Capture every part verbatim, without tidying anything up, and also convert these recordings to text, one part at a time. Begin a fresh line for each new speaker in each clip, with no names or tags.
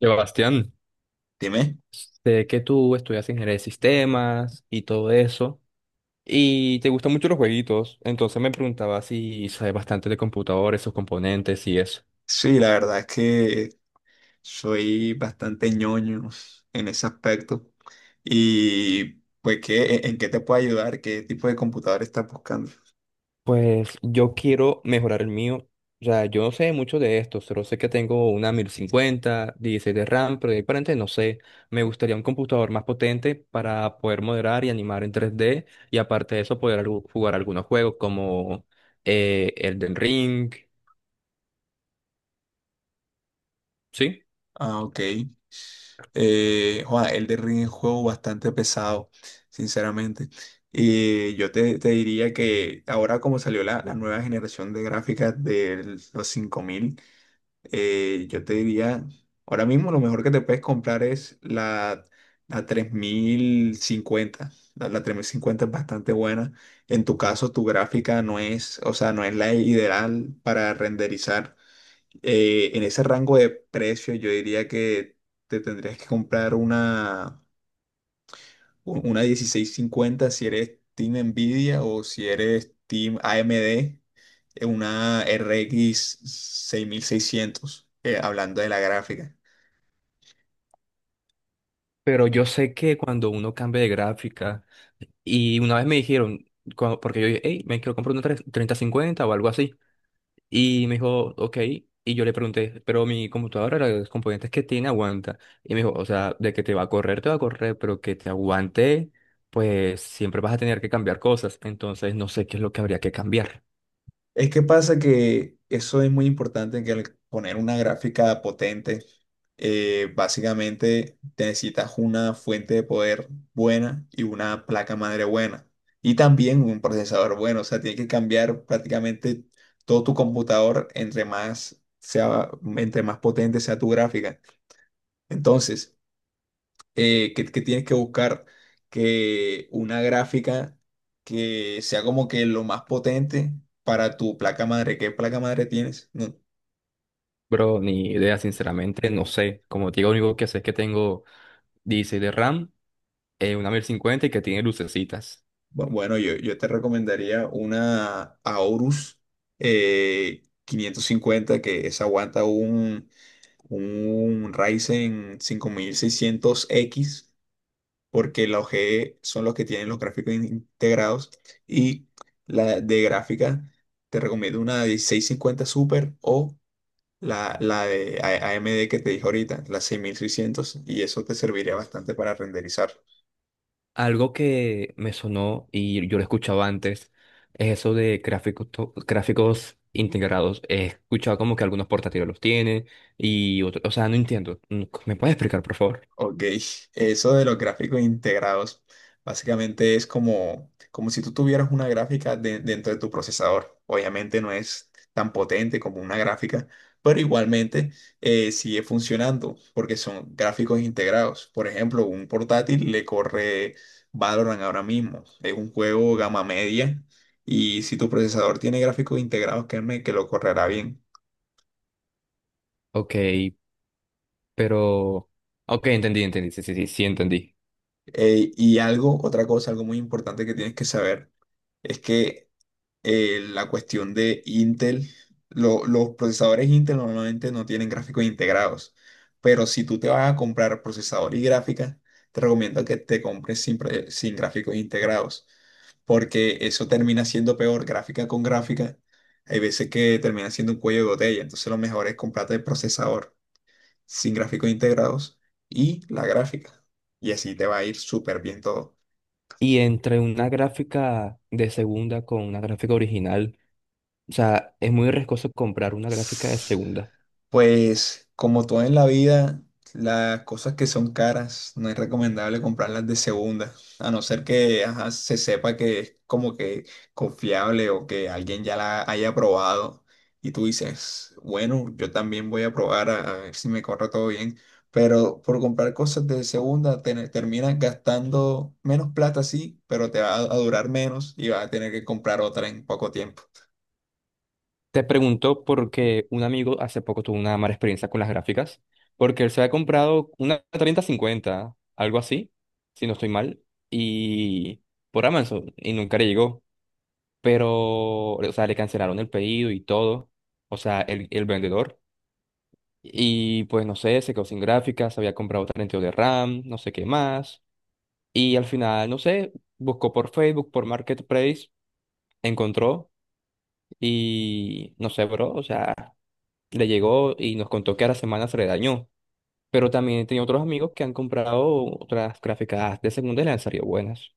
Sebastián,
Dime.
sé que tú estudias ingeniería de sistemas y todo eso, y te gustan mucho los jueguitos, entonces me preguntaba si sabes bastante de computadores, sus componentes y eso.
Sí, la verdad es que soy bastante ñoño en ese aspecto. Y pues, ¿qué, en en qué te puedo ayudar? ¿Qué tipo de computador estás buscando?
Pues yo quiero mejorar el mío, o sea, yo no sé mucho de esto, solo sé que tengo una mil cincuenta dieciséis de RAM, pero de ahí para adelante no sé. Me gustaría un computador más potente para poder moderar y animar en tres d y aparte de eso poder algu- jugar algunos juegos como eh, Elden Ring, ¿sí?
Ah, ok. Eh, Juan, Elden Ring es un juego bastante pesado, sinceramente. Y yo te, te diría que ahora como salió la, la nueva generación de gráficas de los cinco mil. Eh, yo te diría, ahora mismo lo mejor que te puedes comprar es la, la tres mil cincuenta. La, la tres mil cincuenta es bastante buena. En tu caso, tu gráfica no es, o sea, no es la ideal para renderizar. Eh, en ese rango de precio, yo diría que te tendrías que comprar una una dieciséis cincuenta si eres Team Nvidia o si eres Team A M D, eh, una R X seis mil seiscientos, eh, hablando de la gráfica.
Pero yo sé que cuando uno cambia de gráfica, y una vez me dijeron, cua- porque yo dije, hey, me quiero comprar una tres- treinta cincuenta o algo así, y me dijo, ok, y yo le pregunté, pero mi computadora, los componentes que tiene, aguanta. Y me dijo, o sea, de que te va a correr, te va a correr, pero que te aguante, pues siempre vas a tener que cambiar cosas, entonces no sé qué es lo que habría que cambiar.
Es que pasa que eso es muy importante, que al poner una gráfica potente, eh, básicamente te necesitas una fuente de poder buena y una placa madre buena. Y también un procesador bueno. O sea, tienes que cambiar prácticamente todo tu computador entre más sea, entre más potente sea tu gráfica. Entonces, eh, que, que tienes que buscar que una gráfica que sea como que lo más potente para tu placa madre. ¿Qué placa madre tienes? No.
Bro, ni idea, sinceramente, no sé. Como te digo, lo único que sé es que tengo dieciséis de RAM, eh, una mil cincuenta y que tiene lucecitas.
Bu- Bueno, yo, yo te recomendaría una Aorus eh, quinientos cincuenta que esa aguanta un, un Ryzen cinco mil seiscientos x porque la O G E son los que tienen los gráficos in- integrados y la de gráfica te recomiendo una de seiscientos cincuenta Super o la, la de A- AMD que te dije ahorita, la seis mil seiscientos y eso te serviría bastante para renderizar.
Algo que me sonó y yo lo escuchaba antes es eso de gráficos, to- gráficos integrados. He escuchado como que algunos portátiles los tienen y otros, o sea, no entiendo. Mm, ¿Me puedes explicar, por favor?
Ok, eso de los gráficos integrados, básicamente es como, como si tú tuvieras una gráfica de- dentro de tu procesador. Obviamente no es tan potente como una gráfica, pero igualmente eh, sigue funcionando porque son gráficos integrados. Por ejemplo, un portátil le corre Valorant ahora mismo, es un juego gama media y si tu procesador tiene gráficos integrados, créeme que lo correrá bien.
Ok, pero. Ok, entendí, entendí, sí, sí, sí, sí, entendí.
Eh, y algo, otra cosa, algo muy importante que tienes que saber es que eh, la cuestión de Intel. lo- los procesadores Intel normalmente no tienen gráficos integrados, pero si tú te vas a comprar procesador y gráfica, te recomiendo que te compres sin, pre- sin gráficos integrados, porque eso termina siendo peor gráfica con gráfica. Hay veces que termina siendo un cuello de botella, entonces lo mejor es comprarte el procesador sin gráficos integrados y la gráfica. Y así te va a ir súper bien todo.
Y entre una gráfica de segunda con una gráfica original, o sea, es muy riesgoso comprar una gráfica de segunda.
Pues como todo en la vida, las cosas que son caras no es recomendable comprarlas de segunda, a no ser que ajá, se sepa que es como que confiable o que alguien ya la haya probado y tú dices, bueno, yo también voy a probar a, a ver si me corre todo bien, pero por comprar cosas de segunda te- terminas gastando menos plata, sí, pero te va a a durar menos y vas a tener que comprar otra en poco tiempo.
Te pregunto porque un amigo hace poco tuvo una mala experiencia con las gráficas, porque él se había comprado una treinta cincuenta, algo así, si no estoy mal, y por Amazon, y nunca le llegó, pero, o sea, le cancelaron el pedido y todo, o sea, el, el vendedor, y pues no sé, se quedó sin gráficas, había comprado treinta y dos de RAM, no sé qué más, y al final, no sé, buscó por Facebook, por Marketplace, encontró, y no sé, bro, o sea. Le llegó y nos contó que a la semana se le dañó. Pero también tenía otros amigos que han comprado otras gráficas de segunda y le han salido buenas.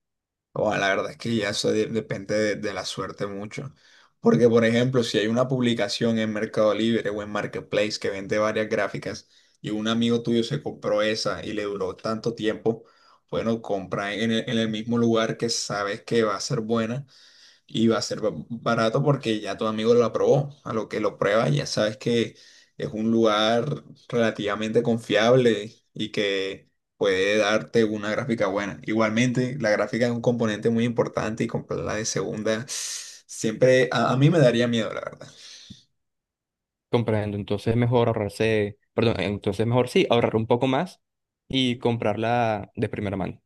O la verdad es que ya eso de- depende de, de la suerte mucho. Porque, por ejemplo, si hay una publicación en Mercado Libre o en Marketplace que vende varias gráficas y un amigo tuyo se compró esa y le duró tanto tiempo, bueno, compra en el, en el mismo lugar que sabes que va a ser buena y va a ser ba- barato porque ya tu amigo lo aprobó. A lo que lo prueba, ya sabes que es un lugar relativamente confiable y que puede darte una gráfica buena. Igualmente, la gráfica es un componente muy importante y comprarla de segunda siempre a, a mí me daría miedo, la verdad.
Comprando, entonces mejor ahorrarse, perdón, entonces mejor sí, ahorrar un poco más y comprarla de primera mano.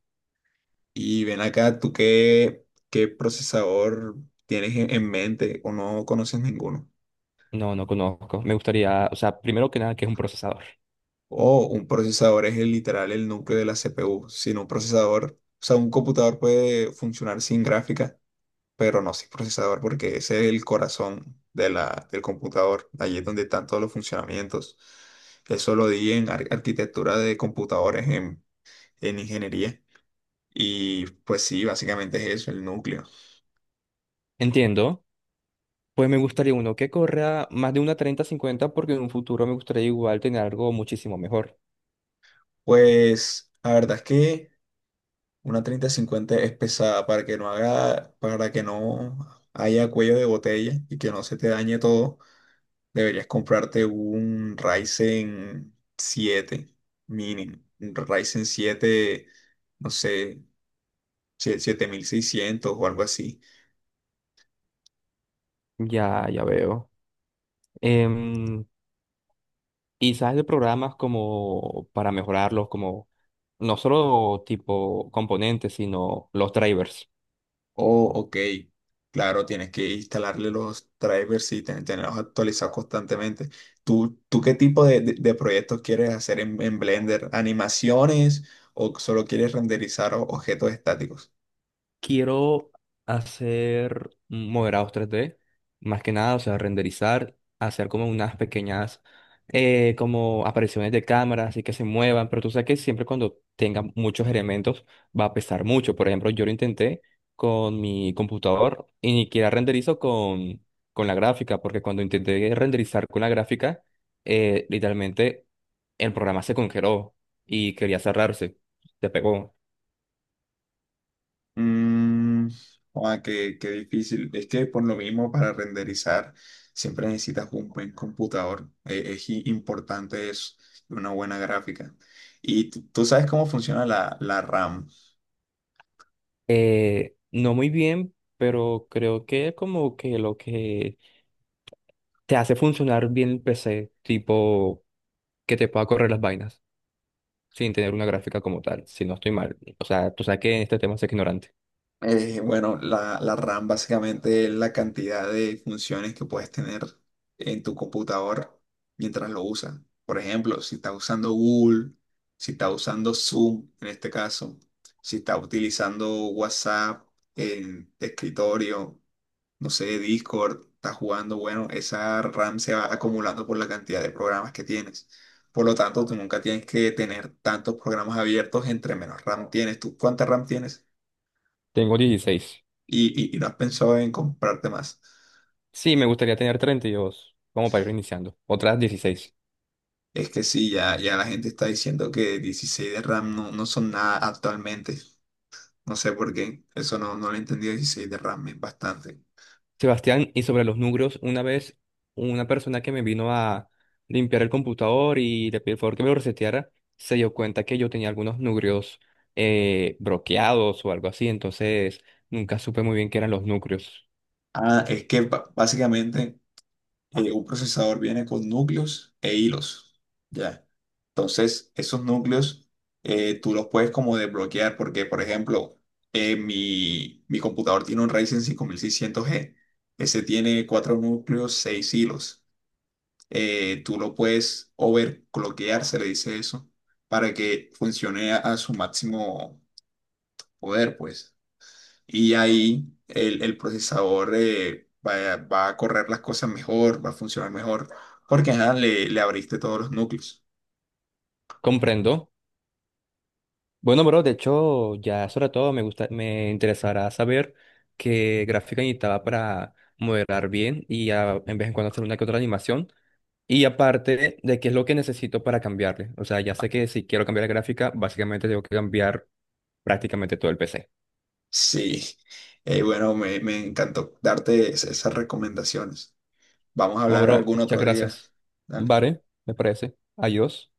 Y ven acá, ¿tú qué, qué procesador tienes en en mente o no conoces ninguno?
No, no conozco. Me gustaría, o sea, primero que nada, que es un procesador.
O un procesador es el literal el núcleo de la C P U. Sin un procesador, o sea, un computador puede funcionar sin gráfica, pero no sin procesador, porque ese es el corazón de la, del computador. Allí es donde están todos los funcionamientos. Eso lo di en ar- arquitectura de computadores en, en ingeniería. Y pues sí, básicamente es eso, el núcleo.
Entiendo. Pues me gustaría uno que corra más de una treinta cincuenta porque en un futuro me gustaría igual tener algo muchísimo mejor.
Pues la verdad es que una treinta cincuenta es pesada para que no haga, para que no haya cuello de botella y que no se te dañe todo. Deberías comprarte un Ryzen siete mínimo, un Ryzen siete, no sé, sie- siete mil seiscientos o algo así.
Ya, ya veo. Em, Y sabes de programas como para mejorarlos, como no solo tipo componentes, sino los drivers.
Oh, ok, claro, tienes que instalarle los drivers y ten- tenerlos actualizados constantemente. ¿Tú, tú qué tipo de, de- de proyectos quieres hacer en, en Blender? ¿Animaciones o solo quieres renderizar o- objetos estáticos?
Quiero hacer moderados tres d más que nada, o sea, renderizar, hacer como unas pequeñas eh, como apariciones de cámara, así que se muevan, pero tú sabes que siempre cuando tenga muchos elementos va a pesar mucho. Por ejemplo, yo lo intenté con mi computador y ni siquiera renderizo con, con la gráfica, porque cuando intenté renderizar con la gráfica, eh, literalmente el programa se congeló y quería cerrarse, se pegó.
Mm, ah, qué, qué difícil. Es que por lo mismo para renderizar siempre necesitas un buen computador. Eh, es i- importante es una buena gráfica. Y tú tú sabes cómo funciona la, la RAM.
Eh, no muy bien, pero creo que es como que lo que te hace funcionar bien el P C, tipo que te pueda correr las vainas sin tener una gráfica como tal, si no estoy mal. O sea, tú sabes que en este tema soy ignorante.
Eh, bueno, la, la RAM básicamente es la cantidad de funciones que puedes tener en tu computador mientras lo usas. Por ejemplo, si estás usando Google, si estás usando Zoom en este caso, si estás utilizando WhatsApp en escritorio, no sé, Discord, estás jugando, bueno, esa RAM se va acumulando por la cantidad de programas que tienes. Por lo tanto, tú nunca tienes que tener tantos programas abiertos entre menos RAM tienes. ¿Tú cuánta RAM tienes?
Tengo dieciséis.
y, y- y no has pensado en comprarte más.
Sí, me gustaría tener treinta y dos como para ir iniciando. Otras dieciséis.
Es que sí, ya, ya la gente está diciendo que dieciséis de RAM no, no son nada actualmente. No sé por qué. Eso no, no lo he entendido. dieciséis de RAM es bastante.
Sebastián, y sobre los núcleos, una vez una persona que me vino a limpiar el computador y le pedí el favor que me lo reseteara, se dio cuenta que yo tenía algunos núcleos eh, bloqueados o algo así, entonces nunca supe muy bien qué eran los núcleos.
Ah, es que ba- básicamente eh, un procesador viene con núcleos e hilos. Ya. Entonces, esos núcleos eh, tú los puedes como desbloquear porque, por ejemplo, eh, mi, mi computador tiene un Ryzen cinco mil seiscientos g. Ese tiene cuatro núcleos, seis hilos. Eh, tú lo puedes overclockear, se le dice eso, para que funcione a, a su máximo poder, pues. Y ahí el, el procesador eh, va, va a correr las cosas mejor, va a funcionar mejor, porque ajá, le, le abriste todos los núcleos.
Comprendo. Bueno, bro, de hecho, ya sobre todo me gusta, me interesará saber qué gráfica necesitaba para modelar bien y a- en vez en cuando hacer una que otra animación. Y aparte de qué es lo que necesito para cambiarle. O sea, ya sé que si quiero cambiar la gráfica, básicamente tengo que cambiar prácticamente todo el P C.
Sí, Eh, bueno, me, me encantó darte es- esas recomendaciones. Vamos a
No,
hablar
bro,
algún
muchas
otro día.
gracias.
Dale.
Vale, me parece. Adiós.